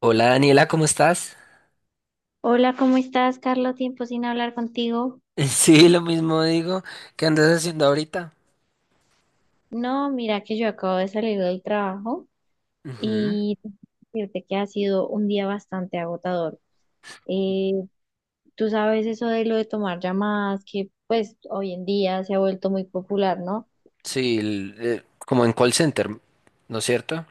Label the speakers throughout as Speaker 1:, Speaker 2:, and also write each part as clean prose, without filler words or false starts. Speaker 1: Hola Daniela, ¿cómo estás?
Speaker 2: Hola, ¿cómo estás, Carlos? Tiempo sin hablar contigo.
Speaker 1: Sí, lo mismo digo. ¿Qué andas haciendo ahorita?
Speaker 2: No, mira que yo acabo de salir del trabajo
Speaker 1: Ujú.
Speaker 2: y decirte que ha sido un día bastante agotador. Eh, Tú sabes eso de lo de tomar llamadas, que pues hoy en día se ha vuelto muy popular, ¿no?
Speaker 1: Sí, como en call center, ¿no es cierto?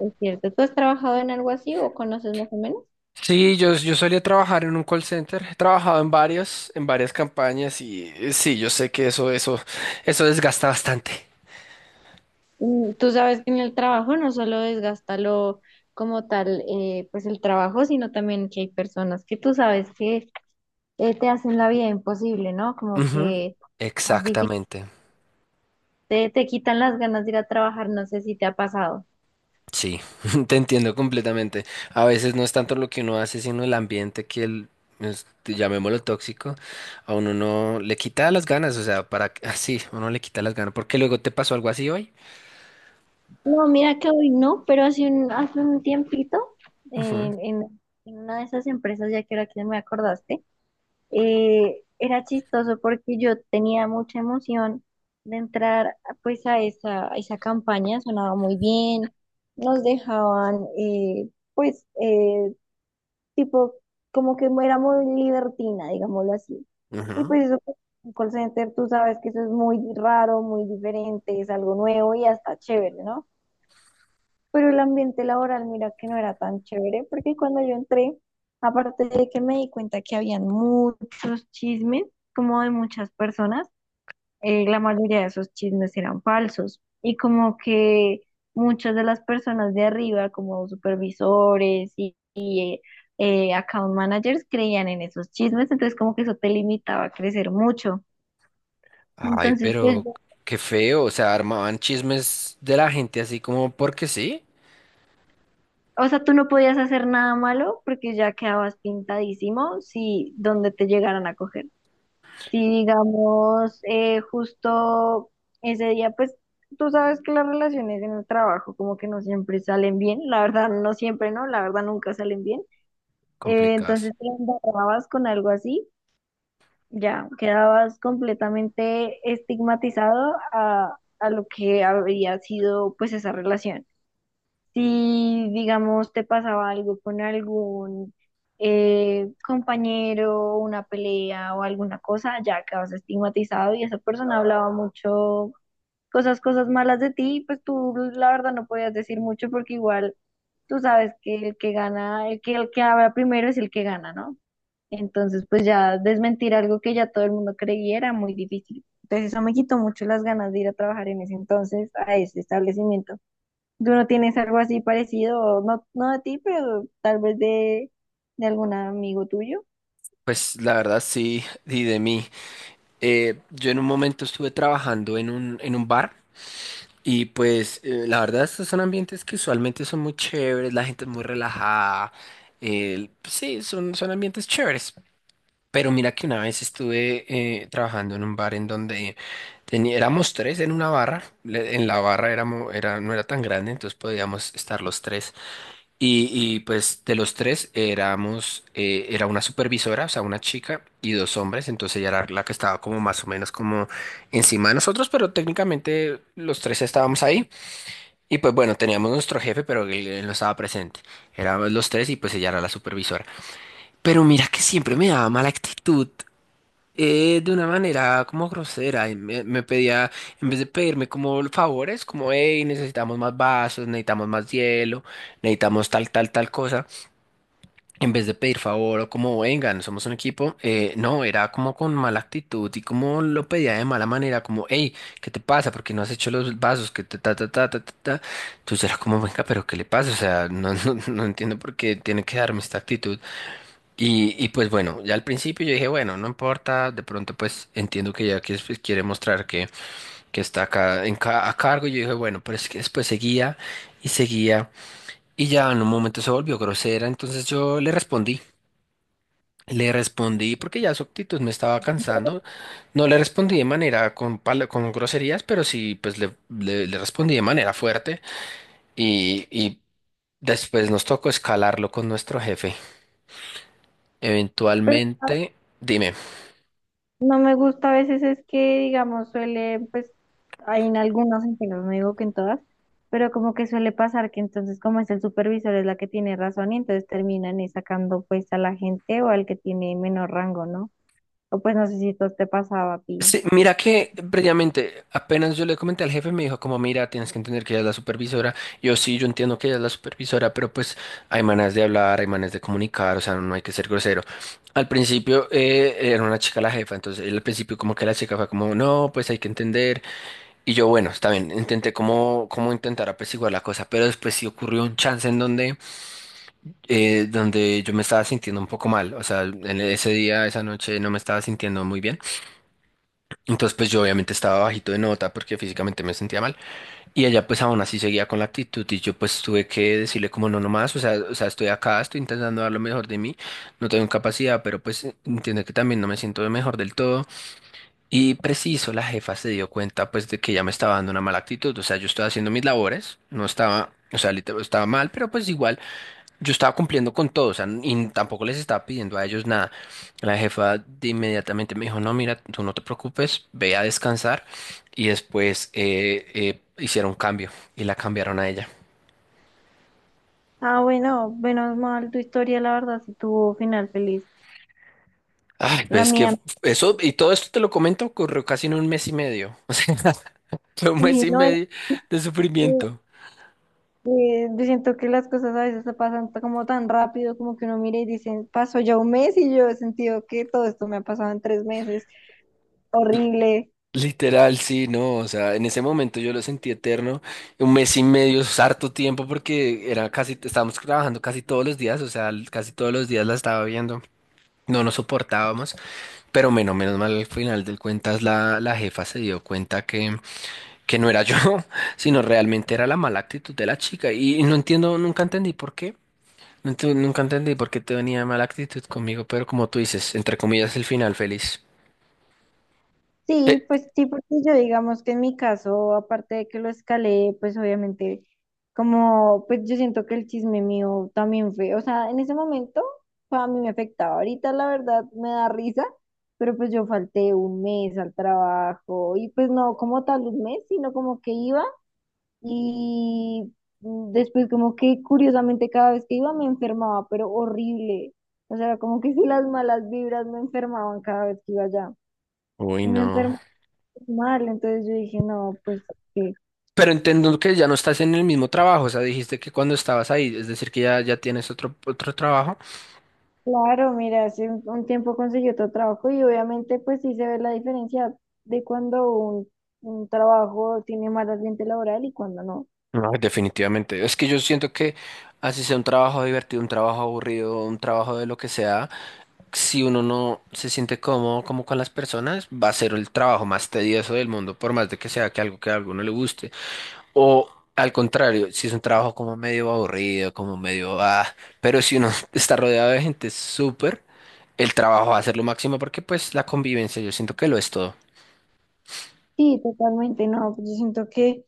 Speaker 2: Es cierto, ¿tú has trabajado en algo así o conoces más o menos?
Speaker 1: Sí, yo solía trabajar en un call center. He trabajado en varios, en varias campañas y sí, yo sé que eso desgasta bastante.
Speaker 2: Mm, tú sabes que en el trabajo no solo desgasta lo como tal, pues el trabajo, sino también que hay personas que tú sabes que te hacen la vida imposible, ¿no? Como
Speaker 1: Ujú.
Speaker 2: que más difícil,
Speaker 1: Exactamente.
Speaker 2: te quitan las ganas de ir a trabajar, no sé si te ha pasado.
Speaker 1: Sí, te entiendo completamente. A veces no es tanto lo que uno hace, sino el ambiente que llamémoslo tóxico, a uno no le quita las ganas, o sea, así, uno le quita las ganas, porque luego te pasó algo así hoy.
Speaker 2: No, mira que hoy no, pero hace un tiempito,
Speaker 1: Ujú,
Speaker 2: en, en- en una de esas empresas, ya que ahora que me acordaste, era chistoso porque yo tenía mucha emoción de entrar pues a esa campaña, sonaba muy bien, nos dejaban pues tipo, como que era muy libertina, digámoslo así. Y
Speaker 1: ujú.
Speaker 2: pues eso, pues, un call center, tú sabes que eso es muy raro, muy diferente, es algo nuevo y hasta chévere, ¿no? Pero el ambiente laboral, mira que no era tan chévere, porque cuando yo entré, aparte de que me di cuenta que habían muchos chismes, como de muchas personas, la mayoría de esos chismes eran falsos y como que muchas de las personas de arriba, como supervisores y account managers, creían en esos chismes, entonces como que eso te limitaba a crecer mucho.
Speaker 1: Ay,
Speaker 2: Entonces, pues,
Speaker 1: pero qué feo, o sea, armaban chismes de la gente así como porque sí,
Speaker 2: o sea, tú no podías hacer nada malo porque ya quedabas pintadísimo si donde te llegaran a coger. Si digamos, justo ese día, pues tú sabes que las relaciones en el trabajo como que no siempre salen bien, la verdad no siempre, ¿no? La verdad nunca salen bien.
Speaker 1: complicados.
Speaker 2: Entonces, si embarrabas con algo así, ya quedabas completamente estigmatizado a lo que había sido pues esa relación. Si, digamos, te pasaba algo con algún compañero, una pelea o alguna cosa, ya quedabas estigmatizado y esa persona hablaba mucho, cosas malas de ti, pues tú la verdad no podías decir mucho porque igual tú sabes que el que gana, el que habla primero es el que gana, ¿no? Entonces, pues ya desmentir algo que ya todo el mundo creía era muy difícil. Entonces, eso me quitó mucho las ganas de ir a trabajar en ese entonces a ese establecimiento. ¿Tú no tienes algo así parecido? No, no de ti, pero tal vez de algún amigo tuyo.
Speaker 1: Pues la verdad sí, y de mí. Yo en un momento estuve trabajando en un bar. Y pues la verdad estos son ambientes que usualmente son muy chéveres, la gente es muy relajada, sí, son ambientes chéveres. Pero mira que una vez estuve trabajando en un bar en donde éramos tres en una barra, en la barra éramos, era, no era tan grande, entonces podíamos estar los tres. Pues de los tres éramos, era una supervisora, o sea, una chica y dos hombres, entonces ella era la que estaba como más o menos como encima de nosotros, pero técnicamente los tres estábamos ahí. Y pues bueno, teníamos nuestro jefe, pero él no estaba presente. Éramos los tres y pues ella era la supervisora. Pero mira que siempre me daba mala actitud, de una manera como grosera. Y me pedía, en vez de pedirme como favores, como, hey, necesitamos más vasos, necesitamos más hielo, necesitamos tal, tal, tal cosa en vez de pedir favor o como vengan, somos un equipo, no, era como con mala actitud y como lo pedía de mala manera, como, hey, ¿qué te pasa? ¿Por qué no has hecho los vasos? Que ta, ta, ta, ta, ta, ta. Ta. Entonces era como, venga, pero ¿qué le pasa? O sea, no, no entiendo por qué tiene que darme esta actitud. Pues bueno, ya al principio yo dije, bueno, no importa, de pronto pues entiendo que ya que pues, quiere mostrar que está acá en a cargo, y yo dije, bueno, pero es que después seguía y seguía y ya en un momento se volvió grosera, entonces yo le respondí. Le respondí porque ya su actitud me estaba cansando. No le respondí de manera con groserías, pero sí, pues le respondí de manera fuerte y, y después nos tocó escalarlo con nuestro jefe.
Speaker 2: Pero
Speaker 1: Eventualmente, dime.
Speaker 2: no me gusta a veces es que, digamos, suele, pues, hay en algunos, en que no digo que en todas, pero como que suele pasar que entonces como es el supervisor es la que tiene razón y entonces terminan sacando pues a la gente o al que tiene menor rango, ¿no? O pues no sé si esto te pasaba a ti.
Speaker 1: Sí, mira que previamente, apenas yo le comenté al jefe, me dijo como, mira, tienes que entender que ella es la supervisora. Yo sí, yo entiendo que ella es la supervisora, pero pues hay maneras de hablar, hay maneras de comunicar, o sea, no hay que ser grosero. Al principio era una chica la jefa, entonces él al principio como que la chica fue como, no, pues hay que entender. Y yo, bueno, está bien, intenté como intentar apaciguar la cosa, pero después sí ocurrió un chance en donde, donde yo me estaba sintiendo un poco mal, o sea, en ese día, esa noche no me estaba sintiendo muy bien. Entonces, pues yo obviamente estaba bajito de nota porque físicamente me sentía mal. Y ella pues aún así seguía con la actitud y yo pues tuve que decirle como no, no más, o sea, estoy acá, estoy intentando dar lo mejor de mí, no tengo capacidad, pero pues entiende que también no me siento mejor del todo. Y preciso, la jefa se dio cuenta pues de que ya me estaba dando una mala actitud, o sea, yo estaba haciendo mis labores, no estaba, o sea, literal, estaba mal, pero pues igual. Yo estaba cumpliendo con todo, o sea, y tampoco les estaba pidiendo a ellos nada. La jefa de inmediatamente me dijo, no, mira, tú no te preocupes, ve a descansar. Y después hicieron cambio y la cambiaron a ella.
Speaker 2: Ah, bueno, menos mal tu historia, la verdad, si tuvo final feliz.
Speaker 1: Ay,
Speaker 2: La
Speaker 1: pues que
Speaker 2: mía,
Speaker 1: eso, y todo esto te lo comento, ocurrió casi en un mes y medio. O sea, fue un mes
Speaker 2: uy,
Speaker 1: y medio de
Speaker 2: no.
Speaker 1: sufrimiento.
Speaker 2: Yo siento que las cosas a veces se pasan como tan rápido, como que uno mira y dice, pasó ya un mes y yo he sentido que todo esto me ha pasado en 3 meses, horrible.
Speaker 1: Literal, sí, no, o sea, en ese momento yo lo sentí eterno, un mes y medio, es harto tiempo porque era casi, estábamos trabajando casi todos los días, o sea, casi todos los días la estaba viendo, no nos soportábamos, pero menos mal al final del cuentas la jefa se dio cuenta que no era yo, sino realmente era la mala actitud de la chica y no entiendo, nunca entendí por qué, nunca entendí por qué te venía mala actitud conmigo, pero como tú dices, entre comillas, el final feliz.
Speaker 2: Sí,
Speaker 1: Eh,
Speaker 2: pues sí, porque yo digamos que en mi caso, aparte de que lo escalé, pues obviamente, como, pues yo siento que el chisme mío también fue, o sea, en ese momento, pues, a mí me afectaba, ahorita la verdad me da risa, pero pues yo falté un mes al trabajo y pues no como tal un mes, sino como que iba. Y después como que curiosamente cada vez que iba me enfermaba, pero horrible. O sea, como que si las malas vibras me enfermaban cada vez que iba allá.
Speaker 1: Uy,
Speaker 2: Y me
Speaker 1: no.
Speaker 2: enfermé mal, entonces yo dije, no, pues sí.
Speaker 1: Pero entiendo que ya no estás en el mismo trabajo, o sea, dijiste que cuando estabas ahí, es decir, ya tienes otro trabajo.
Speaker 2: Claro, mira, hace un tiempo conseguí otro trabajo y obviamente pues sí se ve la diferencia de cuando un trabajo tiene más ambiente laboral y cuando no.
Speaker 1: No, definitivamente. Es que yo siento que así sea un trabajo divertido, un trabajo aburrido, un trabajo de lo que sea, si uno no se siente cómodo como con las personas, va a ser el trabajo más tedioso del mundo, por más de que sea que algo que a alguno le guste. O al contrario, si es un trabajo como medio aburrido, como medio ah, pero si uno está rodeado de gente súper, el trabajo va a ser lo máximo porque pues la convivencia yo siento que lo es todo.
Speaker 2: Sí, totalmente, no, pues yo siento que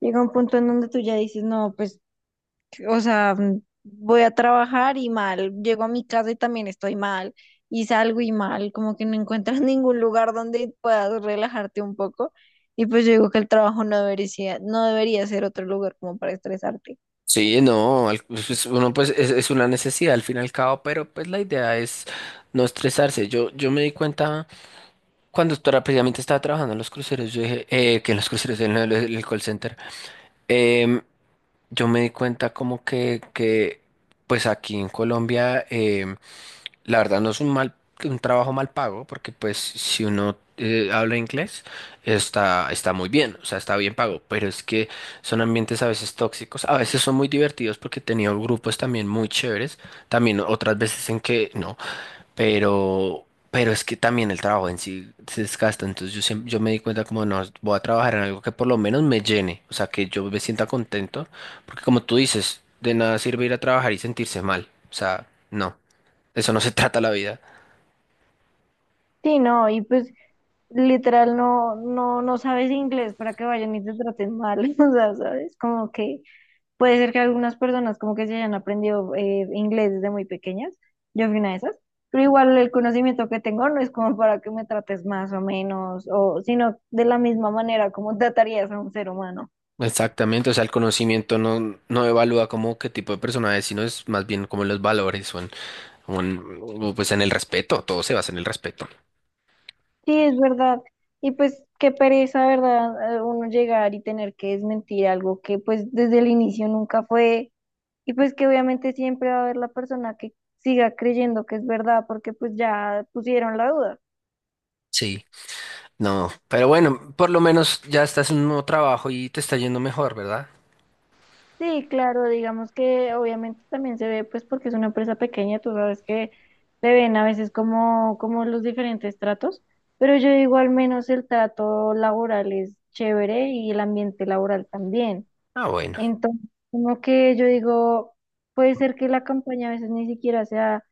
Speaker 2: llega un punto en donde tú ya dices, no, pues o sea, voy a trabajar y mal, llego a mi casa y también estoy mal, y salgo y mal, como que no encuentras ningún lugar donde puedas relajarte un poco. Y pues yo digo que el trabajo no debería, no debería ser otro lugar como para estresarte.
Speaker 1: Sí, no, pues, pues, uno pues es una necesidad al fin y al cabo, pero pues la idea es no estresarse. Yo me di cuenta cuando precisamente estaba trabajando en los cruceros, yo dije, que en los cruceros, en el call center, em, yo me di cuenta como que pues aquí en Colombia la verdad no es un mal, un trabajo mal pago, porque pues si uno habla inglés, está muy bien, o sea, está bien pago, pero es que son ambientes a veces tóxicos, a veces son muy divertidos porque he tenido grupos también muy chéveres, también otras veces en que no, pero es que también el trabajo en sí se desgasta, entonces yo, yo me di cuenta como no, voy a trabajar en algo que por lo menos me llene, o sea, que yo me sienta contento, porque como tú dices, de nada sirve ir a trabajar y sentirse mal, o sea, no de eso no se trata la vida.
Speaker 2: Sí, no, y pues literal no, no, no sabes inglés para que vayan y te traten mal, o sea, ¿sabes? Como que puede ser que algunas personas como que se hayan aprendido inglés desde muy pequeñas. Yo fui una de esas. Pero igual el conocimiento que tengo no es como para que me trates más o menos, o sino de la misma manera como tratarías a un ser humano.
Speaker 1: Exactamente, o sea, el conocimiento no evalúa como qué tipo de persona es, sino es más bien como en los valores o pues en el respeto, todo se basa en el respeto.
Speaker 2: Sí, es verdad. Y pues qué pereza, ¿verdad? Uno llegar y tener que desmentir algo que pues desde el inicio nunca fue. Y pues que obviamente siempre va a haber la persona que siga creyendo que es verdad porque pues ya pusieron la duda.
Speaker 1: Sí, no, pero bueno, por lo menos ya estás en un nuevo trabajo y te está yendo mejor, ¿verdad?
Speaker 2: Sí, claro, digamos que obviamente también se ve pues porque es una empresa pequeña, tú sabes que se ven a veces como, como los diferentes tratos, pero yo digo al menos el trato laboral es chévere y el ambiente laboral también.
Speaker 1: Ah, bueno,
Speaker 2: Entonces, como que yo digo, puede ser que la campaña a veces ni siquiera sea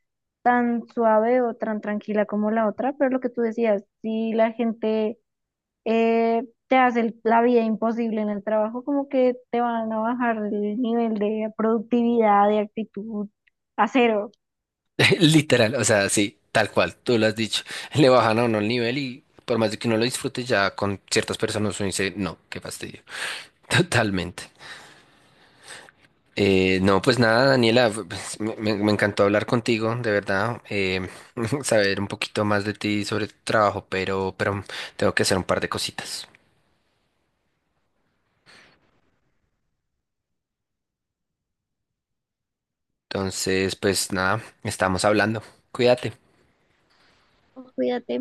Speaker 2: tan suave o tan tranquila como la otra, pero lo que tú decías, si la gente te hace la vida imposible en el trabajo, como que te van a bajar el nivel de productividad, de actitud a 0.
Speaker 1: literal, o sea, sí, tal cual, tú lo has dicho, le bajan a uno el nivel y por más de que uno lo disfrute, ya con ciertas personas uno dice, no, qué fastidio, totalmente. No, pues nada, Daniela, pues, me encantó hablar contigo, de verdad, saber un poquito más de ti sobre tu trabajo, pero tengo que hacer un par de cositas. Entonces, pues nada, estamos hablando. Cuídate.
Speaker 2: Cuídate.